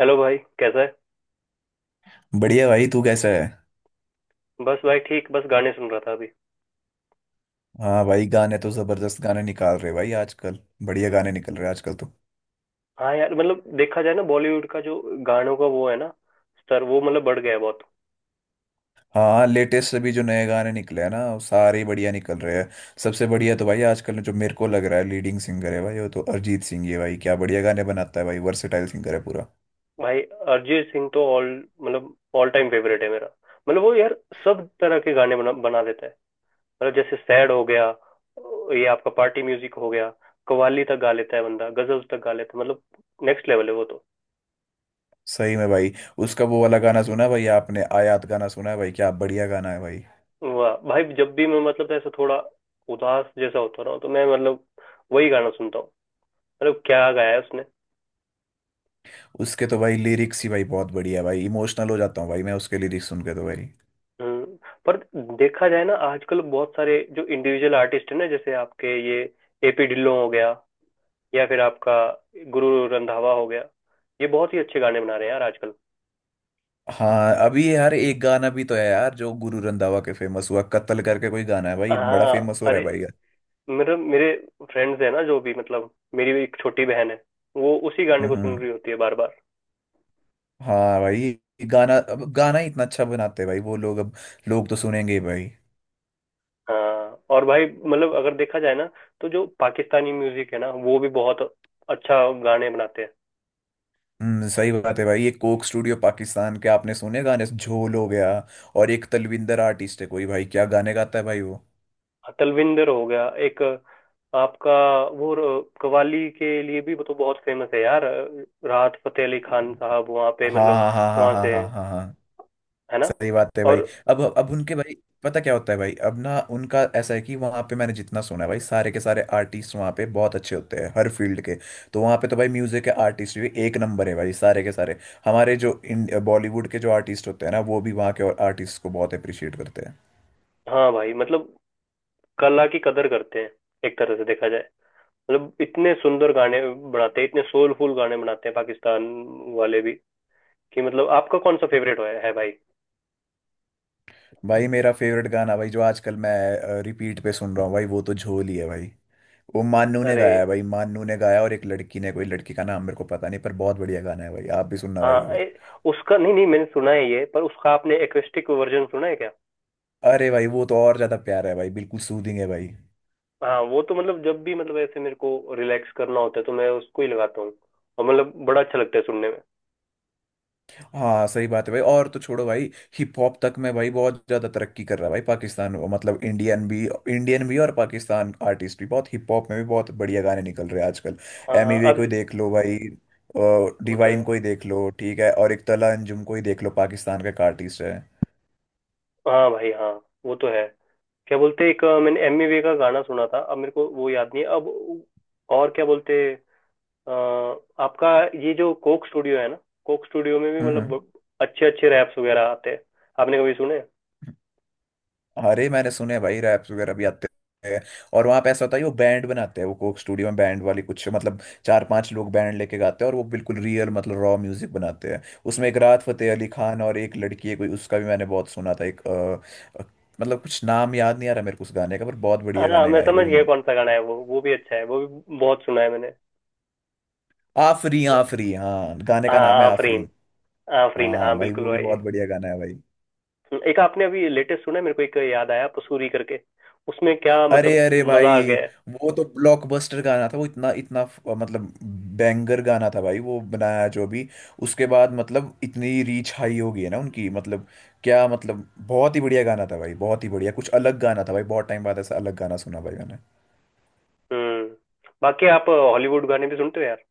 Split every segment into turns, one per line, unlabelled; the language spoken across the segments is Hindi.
हेलो भाई, कैसा है।
बढ़िया भाई, तू कैसा है।
बस भाई ठीक, बस गाने सुन रहा था अभी।
हाँ भाई, गाने तो जबरदस्त गाने निकाल रहे भाई आजकल। बढ़िया गाने निकल रहे हैं आजकल तो।
हाँ यार, मतलब देखा जाए ना बॉलीवुड का जो गानों का वो है ना, स्तर वो मतलब बढ़ गया है बहुत।
हाँ, लेटेस्ट अभी जो नए गाने निकले हैं ना, वो सारे ही बढ़िया निकल रहे हैं। सबसे बढ़िया तो भाई आजकल जो मेरे को लग रहा है लीडिंग सिंगर है भाई वो तो अरिजीत सिंह ही है भाई, क्या बढ़िया गाने बनाता है भाई, वर्सेटाइल सिंगर है पूरा।
भाई अरिजीत सिंह तो ऑल टाइम फेवरेट है मेरा। मतलब वो यार सब तरह के गाने बना बना देता है। मतलब जैसे सैड हो गया, ये आपका पार्टी म्यूजिक हो गया, कव्वाली तक गा लेता है बंदा, गजल तक गा लेता है, मतलब नेक्स्ट लेवल है वो तो।
सही में भाई। उसका वो वाला गाना सुना है भाई आपने, आयात गाना सुना है भाई, क्या बढ़िया गाना है भाई।
वाह भाई, जब भी मैं मतलब ऐसा थोड़ा उदास जैसा होता रहा हूँ तो मैं मतलब वही गाना सुनता हूँ। मतलब क्या गाया है उसने।
उसके तो भाई लिरिक्स ही भाई बहुत बढ़िया है भाई, इमोशनल हो जाता हूँ भाई मैं उसके लिरिक्स सुन के तो भाई।
हम्म। पर देखा जाए ना, आजकल बहुत सारे जो इंडिविजुअल आर्टिस्ट है ना, जैसे आपके ये एपी ढिल्लों हो गया, या फिर आपका गुरु रंधावा हो गया, ये बहुत ही अच्छे गाने बना रहे हैं यार आजकल।
हाँ अभी यार एक गाना भी तो है यार जो गुरु रंधावा के फेमस हुआ, कत्ल करके कोई गाना है भाई, बड़ा
हाँ।
फेमस हो रहा
अरे
है भाई यार।
मेरे मेरे फ्रेंड्स है ना जो भी, मतलब मेरी भी एक छोटी बहन है, वो उसी गाने
हम्म
को सुन
हम्म।
रही होती है बार बार।
हाँ भाई, ये गाना, अब गाना ही इतना अच्छा बनाते हैं भाई वो लोग, अब लोग तो सुनेंगे ही भाई।
हाँ और भाई, मतलब अगर देखा जाए ना तो जो पाकिस्तानी म्यूजिक है ना, वो भी बहुत अच्छा गाने बनाते हैं।
हम्म, सही बात है भाई, ये कोक स्टूडियो पाकिस्तान के आपने सुने गाने, झोल हो गया। और एक तलविंदर आर्टिस्ट है कोई भाई, क्या गाने गाता है भाई वो।
तलविंदर हो गया एक, आपका कव्वाली के लिए भी वो तो बहुत फेमस है यार, राहत फतेह अली खान साहब वहाँ पे,
हाँ
मतलब
हाँ हाँ हाँ
वहाँ
हाँ
से
हाँ
हैं,
हाँ हाँ।
है ना।
सही बात है भाई।
और
अब उनके भाई, पता क्या होता है भाई, अब ना उनका ऐसा है कि वहाँ पे मैंने जितना सुना है भाई, सारे के सारे आर्टिस्ट वहाँ पे बहुत अच्छे होते हैं हर फील्ड के। तो वहाँ पे तो भाई म्यूजिक के आर्टिस्ट भी एक नंबर है भाई, सारे के सारे। हमारे जो इन बॉलीवुड के जो आर्टिस्ट होते हैं ना, वो भी वहाँ के और आर्टिस्ट को बहुत अप्रिशिएट करते हैं।
हाँ भाई, मतलब कला की कदर करते हैं एक तरह से देखा जाए, मतलब इतने सुंदर गाने बनाते हैं, इतने सोलफुल गाने बनाते हैं पाकिस्तान वाले भी, कि मतलब आपका कौन सा फेवरेट है भाई।
भाई मेरा फेवरेट गाना भाई जो आजकल मैं रिपीट पे सुन रहा हूँ भाई, वो तो झोल ही है भाई। वो मान्नू ने
अरे
गाया है भाई, मान्नू ने गाया और एक लड़की ने, कोई लड़की का नाम मेरे को पता नहीं, पर बहुत बढ़िया गाना है भाई, आप भी सुनना भाई
हाँ,
अगर।
उसका, नहीं नहीं, मैंने सुना है ये, पर उसका आपने एक्वेस्टिक वर्जन सुना है क्या।
अरे भाई वो तो और ज्यादा प्यार है भाई, बिल्कुल सूदिंग है भाई।
हाँ वो तो मतलब जब भी मतलब ऐसे मेरे को रिलैक्स करना होता है तो मैं उसको ही लगाता हूँ, और मतलब बड़ा अच्छा लगता है सुनने में।
हाँ सही बात है भाई, और तो छोड़ो भाई। हिप हॉप तक में भाई बहुत ज्यादा तरक्की कर रहा है भाई पाकिस्तान, मतलब इंडियन भी। इंडियन भी और पाकिस्तान आर्टिस्ट भी, बहुत हिप हॉप में भी बहुत बढ़िया गाने निकल रहे हैं आजकल।
हाँ
एमी
हाँ,
वे को
अब
ही देख लो भाई।
वो तो
डिवाइन
है।
को ही देख लो, ठीक है, और एक तला अंजुम को ही देख लो, पाकिस्तान का एक आर्टिस्ट है।
हाँ भाई, हाँ, वो तो है। क्या बोलते हैं, एक मैंने एमी वे का गाना सुना था, अब मेरे को वो याद नहीं है अब। और क्या बोलते हैं, अ, आपका ये जो कोक स्टूडियो है ना, कोक स्टूडियो में भी
हम्म हम्म,
मतलब अच्छे अच्छे रैप्स वगैरह आते हैं, आपने कभी सुने।
अरे, मैंने सुने हैं भाई, रैप्स वगैरह भी आते हैं। और वहाँ पे ऐसा होता है वो बैंड बनाते हैं, वो कोक स्टूडियो में बैंड वाली कुछ मतलब चार पांच लोग बैंड लेके गाते हैं, और वो बिल्कुल रियल मतलब रॉ म्यूजिक बनाते हैं, उसमें एक राहत फतेह अली खान और एक लड़की है कोई, उसका भी मैंने बहुत सुना था, एक मतलब कुछ नाम याद नहीं आ रहा मेरे को उस गाने का, पर बहुत बढ़िया
हाँ
गाने
मैं
गाए
समझ
भाई
गया
उन्होंने।
कौन सा गाना है वो भी अच्छा है, वो भी बहुत सुना है मैंने।
आफरी आफरी, हाँ गाने का नाम
हाँ
है आफरी।
आफरीन। आफरीन हाँ,
हाँ भाई
बिल्कुल
वो भी
भाई।
बहुत बढ़िया गाना है भाई।
एक आपने अभी लेटेस्ट सुना है, मेरे को एक याद आया पसूरी करके, उसमें क्या
अरे
मतलब
अरे
मजा आ
भाई,
गया है।
वो तो ब्लॉकबस्टर गाना था, वो इतना इतना मतलब बैंगर गाना था भाई वो, बनाया जो भी, उसके बाद मतलब इतनी रीच हाई हो गई है ना उनकी, मतलब क्या, मतलब बहुत ही बढ़िया गाना था भाई, बहुत ही बढ़िया, कुछ अलग गाना था भाई, बहुत टाइम बाद ऐसा अलग गाना सुना भाई मैंने।
हम्म। बाकी आप हॉलीवुड गाने भी सुनते हो यार।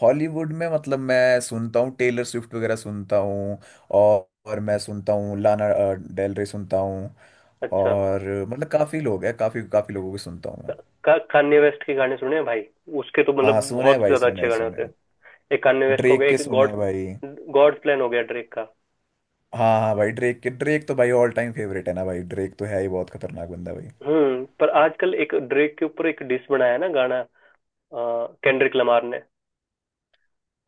हॉलीवुड में मतलब मैं सुनता हूँ, टेलर स्विफ्ट वगैरह सुनता हूँ। और मैं सुनता हूँ लाना डेल रे सुनता हूँ।
अच्छा।
और मतलब काफ़ी लोग हैं, काफ़ी काफ़ी लोगों को सुनता हूँ मैं।
कान्ये वेस्ट के गाने सुने हैं भाई, उसके तो
हाँ
मतलब
सुने
बहुत
हैं
ही
भाई,
ज्यादा
सुने
अच्छे
हैं,
गाने
सुने
होते हैं।
हैं।
एक कान्ये वेस्ट का हो
ड्रेक
गया,
के
एक
सुने
गॉड
हैं भाई।
गॉड प्लान हो गया ड्रेक का।
हाँ हाँ भाई, ड्रेक के, ड्रेक तो भाई ऑल टाइम फेवरेट है ना भाई, ड्रेक तो है ही बहुत खतरनाक बंदा भाई।
हम्म। पर आजकल एक ड्रेक के ऊपर एक डिस बनाया है ना गाना, केंड्रिक लमार ने।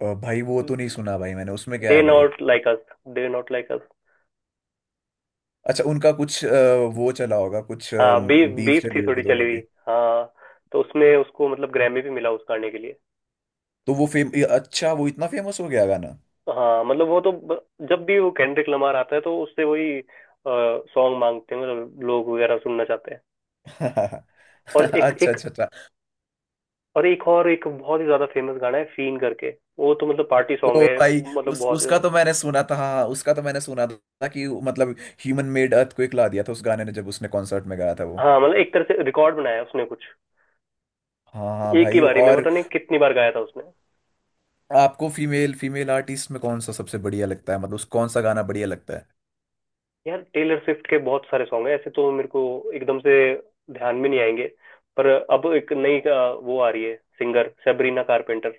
भाई वो तो नहीं सुना भाई मैंने, उसमें क्या
दे
है भाई।
Not like us, they not like us.
अच्छा, उनका कुछ वो चला होगा, कुछ
हाँ, बीफ
बीफ
बीफ
चली
थी
होगी
थोड़ी चली
दोनों
हुई।
की।
हाँ, तो उसमें उसको मतलब ग्रैमी भी मिला उस गाने के लिए।
तो वो फेम, ये अच्छा, वो इतना फेमस हो गया गाना।
हाँ मतलब जब भी वो केंड्रिक लमार आता है तो उससे वही सॉन्ग मांगते हैं, मतलब लोग वगैरह सुनना चाहते हैं।
अच्छा
और एक
अच्छा
एक
अच्छा।
और एक और एक बहुत ही ज्यादा फेमस गाना है, फीन करके। वो तो मतलब पार्टी सॉन्ग
ओ
है।
भाई,
मतलब
उस
बहुत ही-
उसका
ज्यादा-
तो मैंने सुना था, हाँ हाँ, उसका तो मैंने सुना था कि मतलब ह्यूमन मेड अर्थक्वेक ला दिया था उस गाने ने जब उसने कॉन्सर्ट में गाया था वो।
हाँ मतलब एक तरह से रिकॉर्ड बनाया है उसने कुछ,
हाँ हाँ
एक ही
भाई।
बारी में
और
पता नहीं कितनी बार गाया था उसने।
आपको फीमेल फीमेल आर्टिस्ट में कौन सा सबसे बढ़िया लगता है, मतलब उस कौन सा गाना बढ़िया लगता है।
यार टेलर स्विफ्ट के बहुत सारे सॉन्ग हैं, ऐसे तो मेरे को एकदम से ध्यान में नहीं आएंगे। पर अब एक नई वो आ रही है सिंगर, सेबरीना कारपेंटर,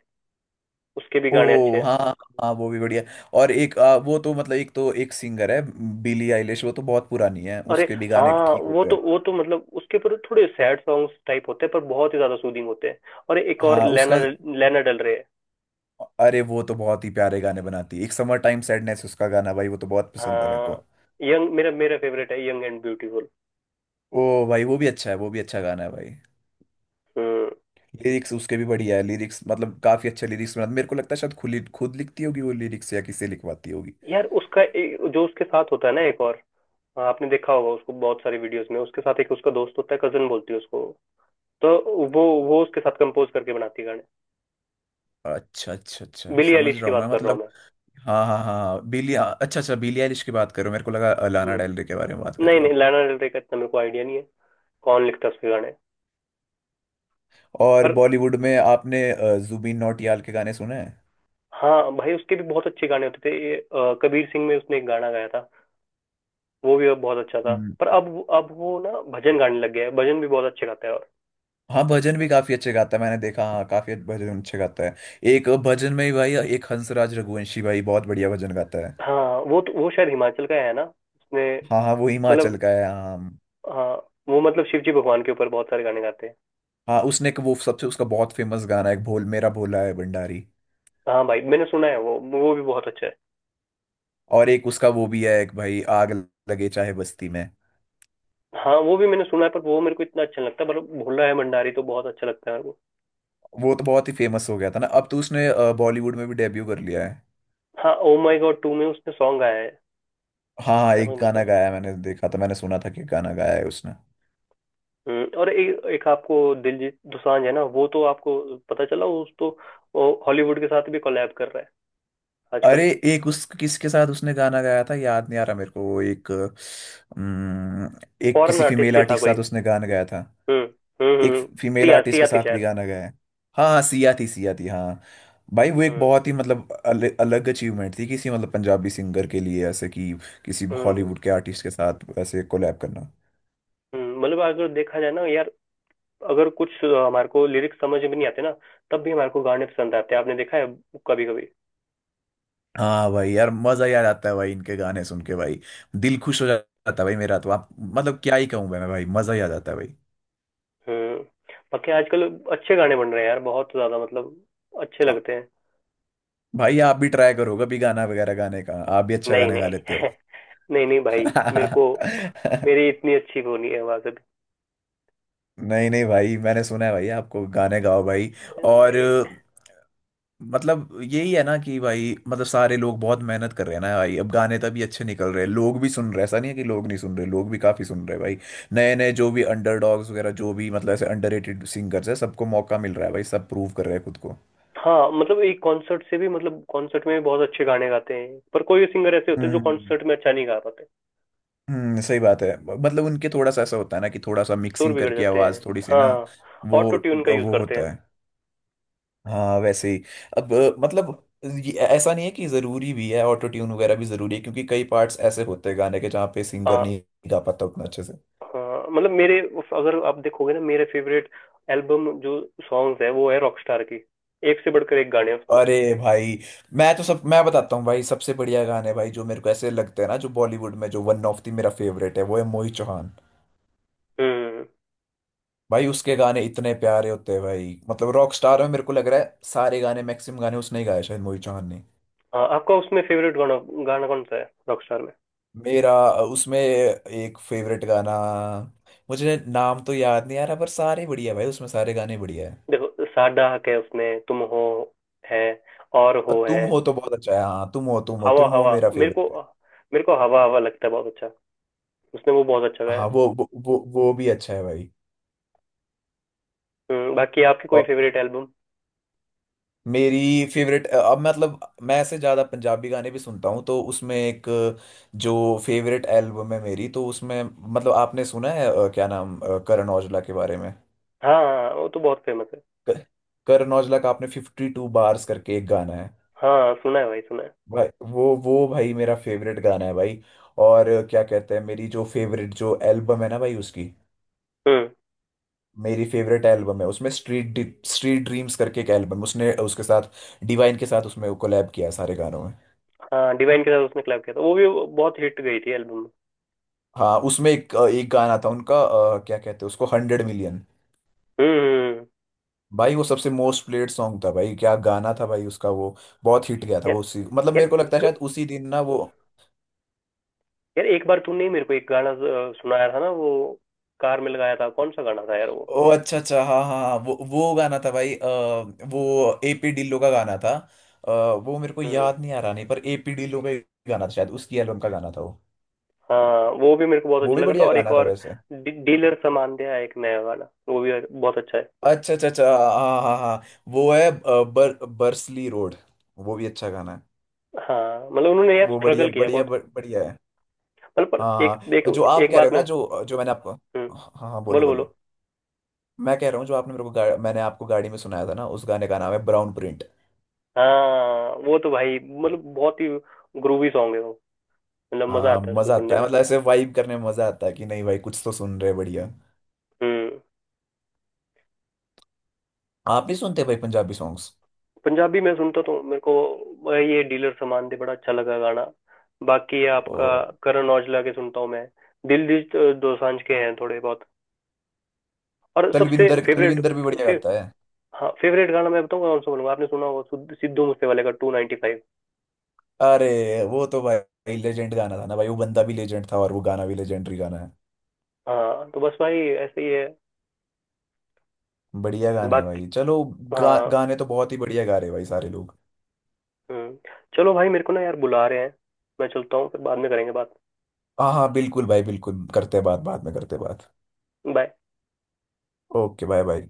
उसके भी
ओ
गाने अच्छे हैं।
हाँ हाँ। हाँ, वो भी बढ़िया। और एक वो तो मतलब, एक तो एक सिंगर है, बिली आइलिश, वो तो बहुत पुरानी है,
अरे
उसके भी गाने
हाँ,
ठीक
वो
होते
तो
हैं।
वो तो मतलब उसके ऊपर थोड़े सैड सॉन्ग्स टाइप होते हैं, पर बहुत ही ज्यादा सूदिंग होते हैं। और एक और
हाँ उसका।
लैना, लैना डल रहे।
अरे वो तो बहुत ही प्यारे गाने बनाती है, एक समर टाइम सैडनेस उसका गाना भाई, वो तो बहुत पसंद है मेरे
हाँ,
को।
यंग, मेरा मेरा फेवरेट है, यंग एंड ब्यूटीफुल।
ओ भाई वो भी अच्छा है, वो भी अच्छा गाना है भाई।
हम्म।
लिरिक्स उसके भी बढ़िया है, लिरिक्स मतलब काफी अच्छे लिरिक्स बनाती, मेरे को लगता है शायद खुद खुद लिखती होगी वो लिरिक्स या किसी लिखवाती होगी।
यार उसका एक, जो उसके साथ होता है ना एक और, हाँ, आपने देखा होगा उसको बहुत सारी वीडियोस में, उसके साथ एक उसका दोस्त होता है, कजन बोलती है उसको। तो वो वो उसके साथ कंपोज करके बनाती है गाने।
अच्छा अच्छा अच्छा,
बिली
समझ
एलिश
रहा
की
हूँ मैं
बात कर रहा हूँ
मतलब।
मैं।
हाँ हाँ हाँ हाँ, बिली, अच्छा अच्छा, बिली आइलिश की बात करो, मेरे को लगा लाना डेल
हम्म।
रे के बारे में बात कर
नहीं
रहे हो।
नहीं, लैना डेल रे का इतना मेरे को आइडिया नहीं है, कौन लिखता है उसके गाने।
और
पर
बॉलीवुड में आपने जुबिन नौटियाल के गाने सुने हैं।
हाँ भाई, उसके भी बहुत अच्छे गाने होते थे ये, कबीर सिंह में उसने एक गाना गाया था, वो भी अब बहुत अच्छा था।
हम्म,
पर अब वो ना भजन गाने लग गया है, भजन भी बहुत अच्छे गाता है, और
हाँ, भजन भी काफी अच्छे गाता है मैंने देखा, हाँ काफी भजन अच्छे गाता है। एक भजन में ही भाई, एक हंसराज रघुवंशी भाई बहुत बढ़िया भजन गाता है।
हाँ वो तो वो शायद हिमाचल का है ना उसने।
हाँ हाँ वो हिमाचल
मतलब,
का है, हाँ।
हाँ, वो मतलब शिव जी भगवान के ऊपर बहुत सारे गाने गाते हैं।
हाँ, उसने एक, वो सबसे उसका बहुत फेमस गाना है एक, भोल मेरा भोला है भंडारी।
हाँ भाई मैंने सुना है, वो भी बहुत अच्छा है।
और एक उसका वो भी है एक भाई, आग लगे चाहे बस्ती में।
हाँ वो भी मैंने सुना है, पर वो मेरे को इतना अच्छा नहीं लगता, पर भोला है भंडारी तो बहुत अच्छा लगता है मेरे को।
वो तो बहुत ही फेमस हो गया था ना, अब तो उसने बॉलीवुड में भी डेब्यू कर लिया है।
हाँ, ओ माई गॉड 2 में उसने सॉन्ग गाया है।
हाँ हाँ,
जैसा
एक
मेरे को,
गाना गाया है मैंने देखा था, मैंने सुना था कि गाना गाया है उसने।
और एक आपको दिलजीत दोसांझ है ना, वो तो आपको पता चला उस तो वो हॉलीवुड के साथ भी कोलैब कर रहा है
अरे,
आजकल।
एक, उस किसके साथ उसने गाना गाया था याद नहीं आ रहा मेरे को, वो एक एक
फॉरेन
किसी
आर्टिस्ट
फीमेल
ही था
आर्टिस्ट के
कोई।
साथ उसने गाना गाया था,
हम्म हम्म हम्म,
एक
हम्म,
फीमेल
सिया,
आर्टिस्ट के
सिया थी
साथ भी
शायद।
गाना गाया है। हाँ हाँ सिया थी, सिया थी हाँ। भाई वो एक
हम्म
बहुत ही मतलब अलग अचीवमेंट थी किसी मतलब पंजाबी सिंगर के लिए ऐसे कि किसी
हम्म
हॉलीवुड के आर्टिस्ट के साथ ऐसे कोलैब करना।
हम्म। मतलब अगर देखा जाए ना यार, अगर कुछ हमारे को लिरिक्स समझ में नहीं आते ना, तब भी हमारे को गाने पसंद आते हैं, आपने देखा है कभी कभी।
हाँ भाई यार, मजा याद आता है भाई इनके गाने सुन के भाई, दिल खुश हो जाता है भाई मेरा तो, आप मतलब क्या ही कहूँ मैं भाई मजा ही आ जाता है भाई।
हम्म। बाकी आजकल अच्छे गाने बन रहे हैं यार, बहुत ज्यादा मतलब अच्छे लगते हैं।
भाई आप भी ट्राई करो कभी गाना वगैरह गाने का, आप भी अच्छा
नहीं
गाने गा
नहीं
लेते हो।
नहीं नहीं भाई, मेरे को मेरी इतनी अच्छी वो नहीं है आवाज।
नहीं नहीं भाई, मैंने सुना है भाई आपको, गाने गाओ भाई। और मतलब यही है ना कि भाई, मतलब सारे लोग बहुत मेहनत कर रहे हैं ना भाई, अब गाने तभी अच्छे निकल रहे हैं, लोग भी सुन रहे हैं, ऐसा नहीं है कि लोग नहीं सुन रहे, लोग भी काफी सुन रहे हैं भाई। नए नए जो भी अंडरडॉग्स वगैरह, जो भी मतलब ऐसे अंडररेटेड सिंगर्स है, सबको मौका मिल रहा है भाई, सब प्रूव कर रहे हैं खुद को।
हाँ मतलब एक कॉन्सर्ट से भी, मतलब कॉन्सर्ट में भी बहुत अच्छे गाने गाते हैं, पर कोई सिंगर ऐसे होते हैं जो
हम्म
कॉन्सर्ट में अच्छा नहीं गा पाते,
सही बात है, मतलब उनके थोड़ा सा ऐसा होता है ना कि थोड़ा सा
सुर
मिक्सिंग
बिगड़
करके
जाते हैं।
आवाज थोड़ी सी ना।
हाँ,
वो
ऑटो ट्यून का यूज
वो
करते हैं।
होता है, हाँ वैसे ही। अब मतलब ये ऐसा नहीं है कि जरूरी भी है, ऑटो ट्यून वगैरह भी जरूरी है क्योंकि कई पार्ट्स ऐसे होते हैं गाने के जहाँ पे सिंगर
हाँ।
नहीं गा पाता उतना अच्छे से।
हाँ मतलब मेरे, अगर आप देखोगे ना, मेरे फेवरेट एल्बम जो सॉन्ग्स है वो है रॉकस्टार की, एक से बढ़कर एक गाने हैं उसमें।
अरे भाई, मैं तो सब, मैं बताता हूँ भाई सबसे बढ़िया गाने भाई जो मेरे को ऐसे लगते हैं ना, जो बॉलीवुड में जो वन ऑफ दी, मेरा फेवरेट है वो है मोहित चौहान।
हम्म।
भाई उसके गाने इतने प्यारे होते हैं भाई, मतलब रॉक स्टार में मेरे को लग रहा है सारे गाने, मैक्सिमम गाने उसने ही गाए शायद मोहित चौहान ने।
हाँ आपका उसमें फेवरेट गाना गाना कौन सा है, रॉकस्टार में।
मेरा उसमें एक फेवरेट गाना, मुझे नाम तो याद नहीं आ रहा, पर सारे बढ़िया भाई, उसमें सारे गाने बढ़िया है।
देखो साडा हक है उसमें, तुम हो है, और
और
हो है।
तुम हो तो बहुत अच्छा है, हाँ तुम हो, तुम हो,
हवा
तुम हो
हवा,
मेरा
मेरे को
फेवरेट है।
मेरे को हवा हवा लगता है बहुत अच्छा, उसने वो बहुत अच्छा गाया
हाँ
है।
वो भी अच्छा है भाई।
हम्म। बाकी आपकी कोई
और
फेवरेट एल्बम।
मेरी फेवरेट, अब मतलब मैं ऐसे ज़्यादा पंजाबी गाने भी सुनता हूँ, तो उसमें एक, जो फेवरेट एल्बम है मेरी, तो उसमें मतलब आपने सुना है क्या नाम करण औजला के बारे में।
हाँ हाँ, वो तो बहुत फेमस है।
क- करण औजला का आपने 52 Bars करके एक गाना है।
हाँ सुना है भाई, सुना है।
भाई वो भाई मेरा फेवरेट गाना है भाई। और क्या कहते हैं, मेरी जो फेवरेट जो एल्बम है ना भाई उसकी,
हम्म।
मेरी फेवरेट एल्बम है उसमें, स्ट्रीट स्ट्रीट ड्रीम्स करके एक एल्बम उसने, उसके साथ डिवाइन के साथ उसमें कोलैब किया है सारे गानों में।
हाँ, डिवाइन के साथ उसने collab किया था, वो भी बहुत हिट गई थी एल्बम।
हाँ उसमें एक एक गाना था उनका क्या कहते हैं उसको, 100 Million।
हम्म। हम्म,
भाई वो सबसे मोस्ट प्लेड सॉन्ग था भाई, क्या गाना था भाई उसका वो, बहुत हिट गया था
यार,
वो उसी, मतलब
यार
मेरे को लगता है
एक,
शायद उसी दिन ना वो।
यार एक बार तूने ही मेरे को एक गाना सुनाया था ना वो, कार में लगाया था, कौन सा गाना था यार वो।
ओ अच्छा अच्छा, हाँ हाँ हाँ, वो गाना था भाई वो एपी ढिल्लो का गाना था। अ, वो मेरे को
हम्म।
याद नहीं आ रहा, नहीं पर एपी ढिल्लो का एक गाना था, शायद उसकी एल्बम का गाना था वो।
हाँ वो भी मेरे को बहुत
वो
अच्छा
भी
लगा था।
बढ़िया
और एक
गाना था
और
वैसे।
डीलर सामान दिया है, एक नया गाना, वो भी बहुत अच्छा है।
अच्छा अच्छा अच्छा, हाँ हाँ हाँ, वो है बर्सली रोड, वो भी अच्छा गाना है।
हाँ मतलब उन्होंने यार
वो बढ़िया
स्ट्रगल किया है
बढ़िया
बहुत,
बढ़िया है।
मतलब
हाँ
पर एक
हाँ, हाँ। और
देखो,
जो आप
एक
कह रहे
बात
हो ना,
में,
जो जो मैंने आपको,
हम्म,
हाँ हाँ हाँ, बोलो
बोलो बोलो।
बोलो, मैं कह रहा हूँ, जो आपने मेरे को मैंने आपको गाड़ी में सुनाया था ना, उस गाने का नाम है ब्राउन प्रिंट।
हाँ वो तो भाई मतलब बहुत ही ग्रूवी सॉन्ग है वो, मतलब मजा
हाँ
आता है उसको
मजा
सुनने
आता है,
में।
मतलब ऐसे वाइब करने में मजा आता है कि नहीं भाई, कुछ तो सुन रहे बढ़िया।
हम्म।
आप भी सुनते हैं भाई पंजाबी सॉन्ग्स।
पंजाबी मैं सुनता तो मेरे को ये डीलर सामान दे बड़ा अच्छा लगा गाना, बाकी आपका
ओ,
करण औजला के सुनता हूँ मैं, दिलजीत दोसांझ के हैं थोड़े बहुत, और सबसे
तलविंदर,
फेवरेट
तलविंदर भी
फे,
बढ़िया
फे,
गाता है।
हाँ फेवरेट गाना मैं बताऊँ कौन सा बोलूंगा, आपने सुना होगा सिद्धू, सिद्धू मूसे वाले का 295।
अरे वो तो भाई लेजेंड गाना था ना भाई, वो बंदा भी लेजेंड था और वो गाना भी लेजेंडरी गाना है।
हाँ तो बस भाई ऐसे ही है।
बढ़िया गाना है
बाकी,
भाई, चलो,
हाँ,
गाने तो बहुत ही बढ़िया गा रहे हैं भाई सारे लोग।
हम्म, चलो भाई मेरे को ना यार बुला रहे हैं, मैं चलता हूँ, फिर बाद में करेंगे बात।
हाँ हाँ बिल्कुल भाई, बिल्कुल करते हैं बात, बाद में करते हैं बात।
बाय।
Okay, bye bye.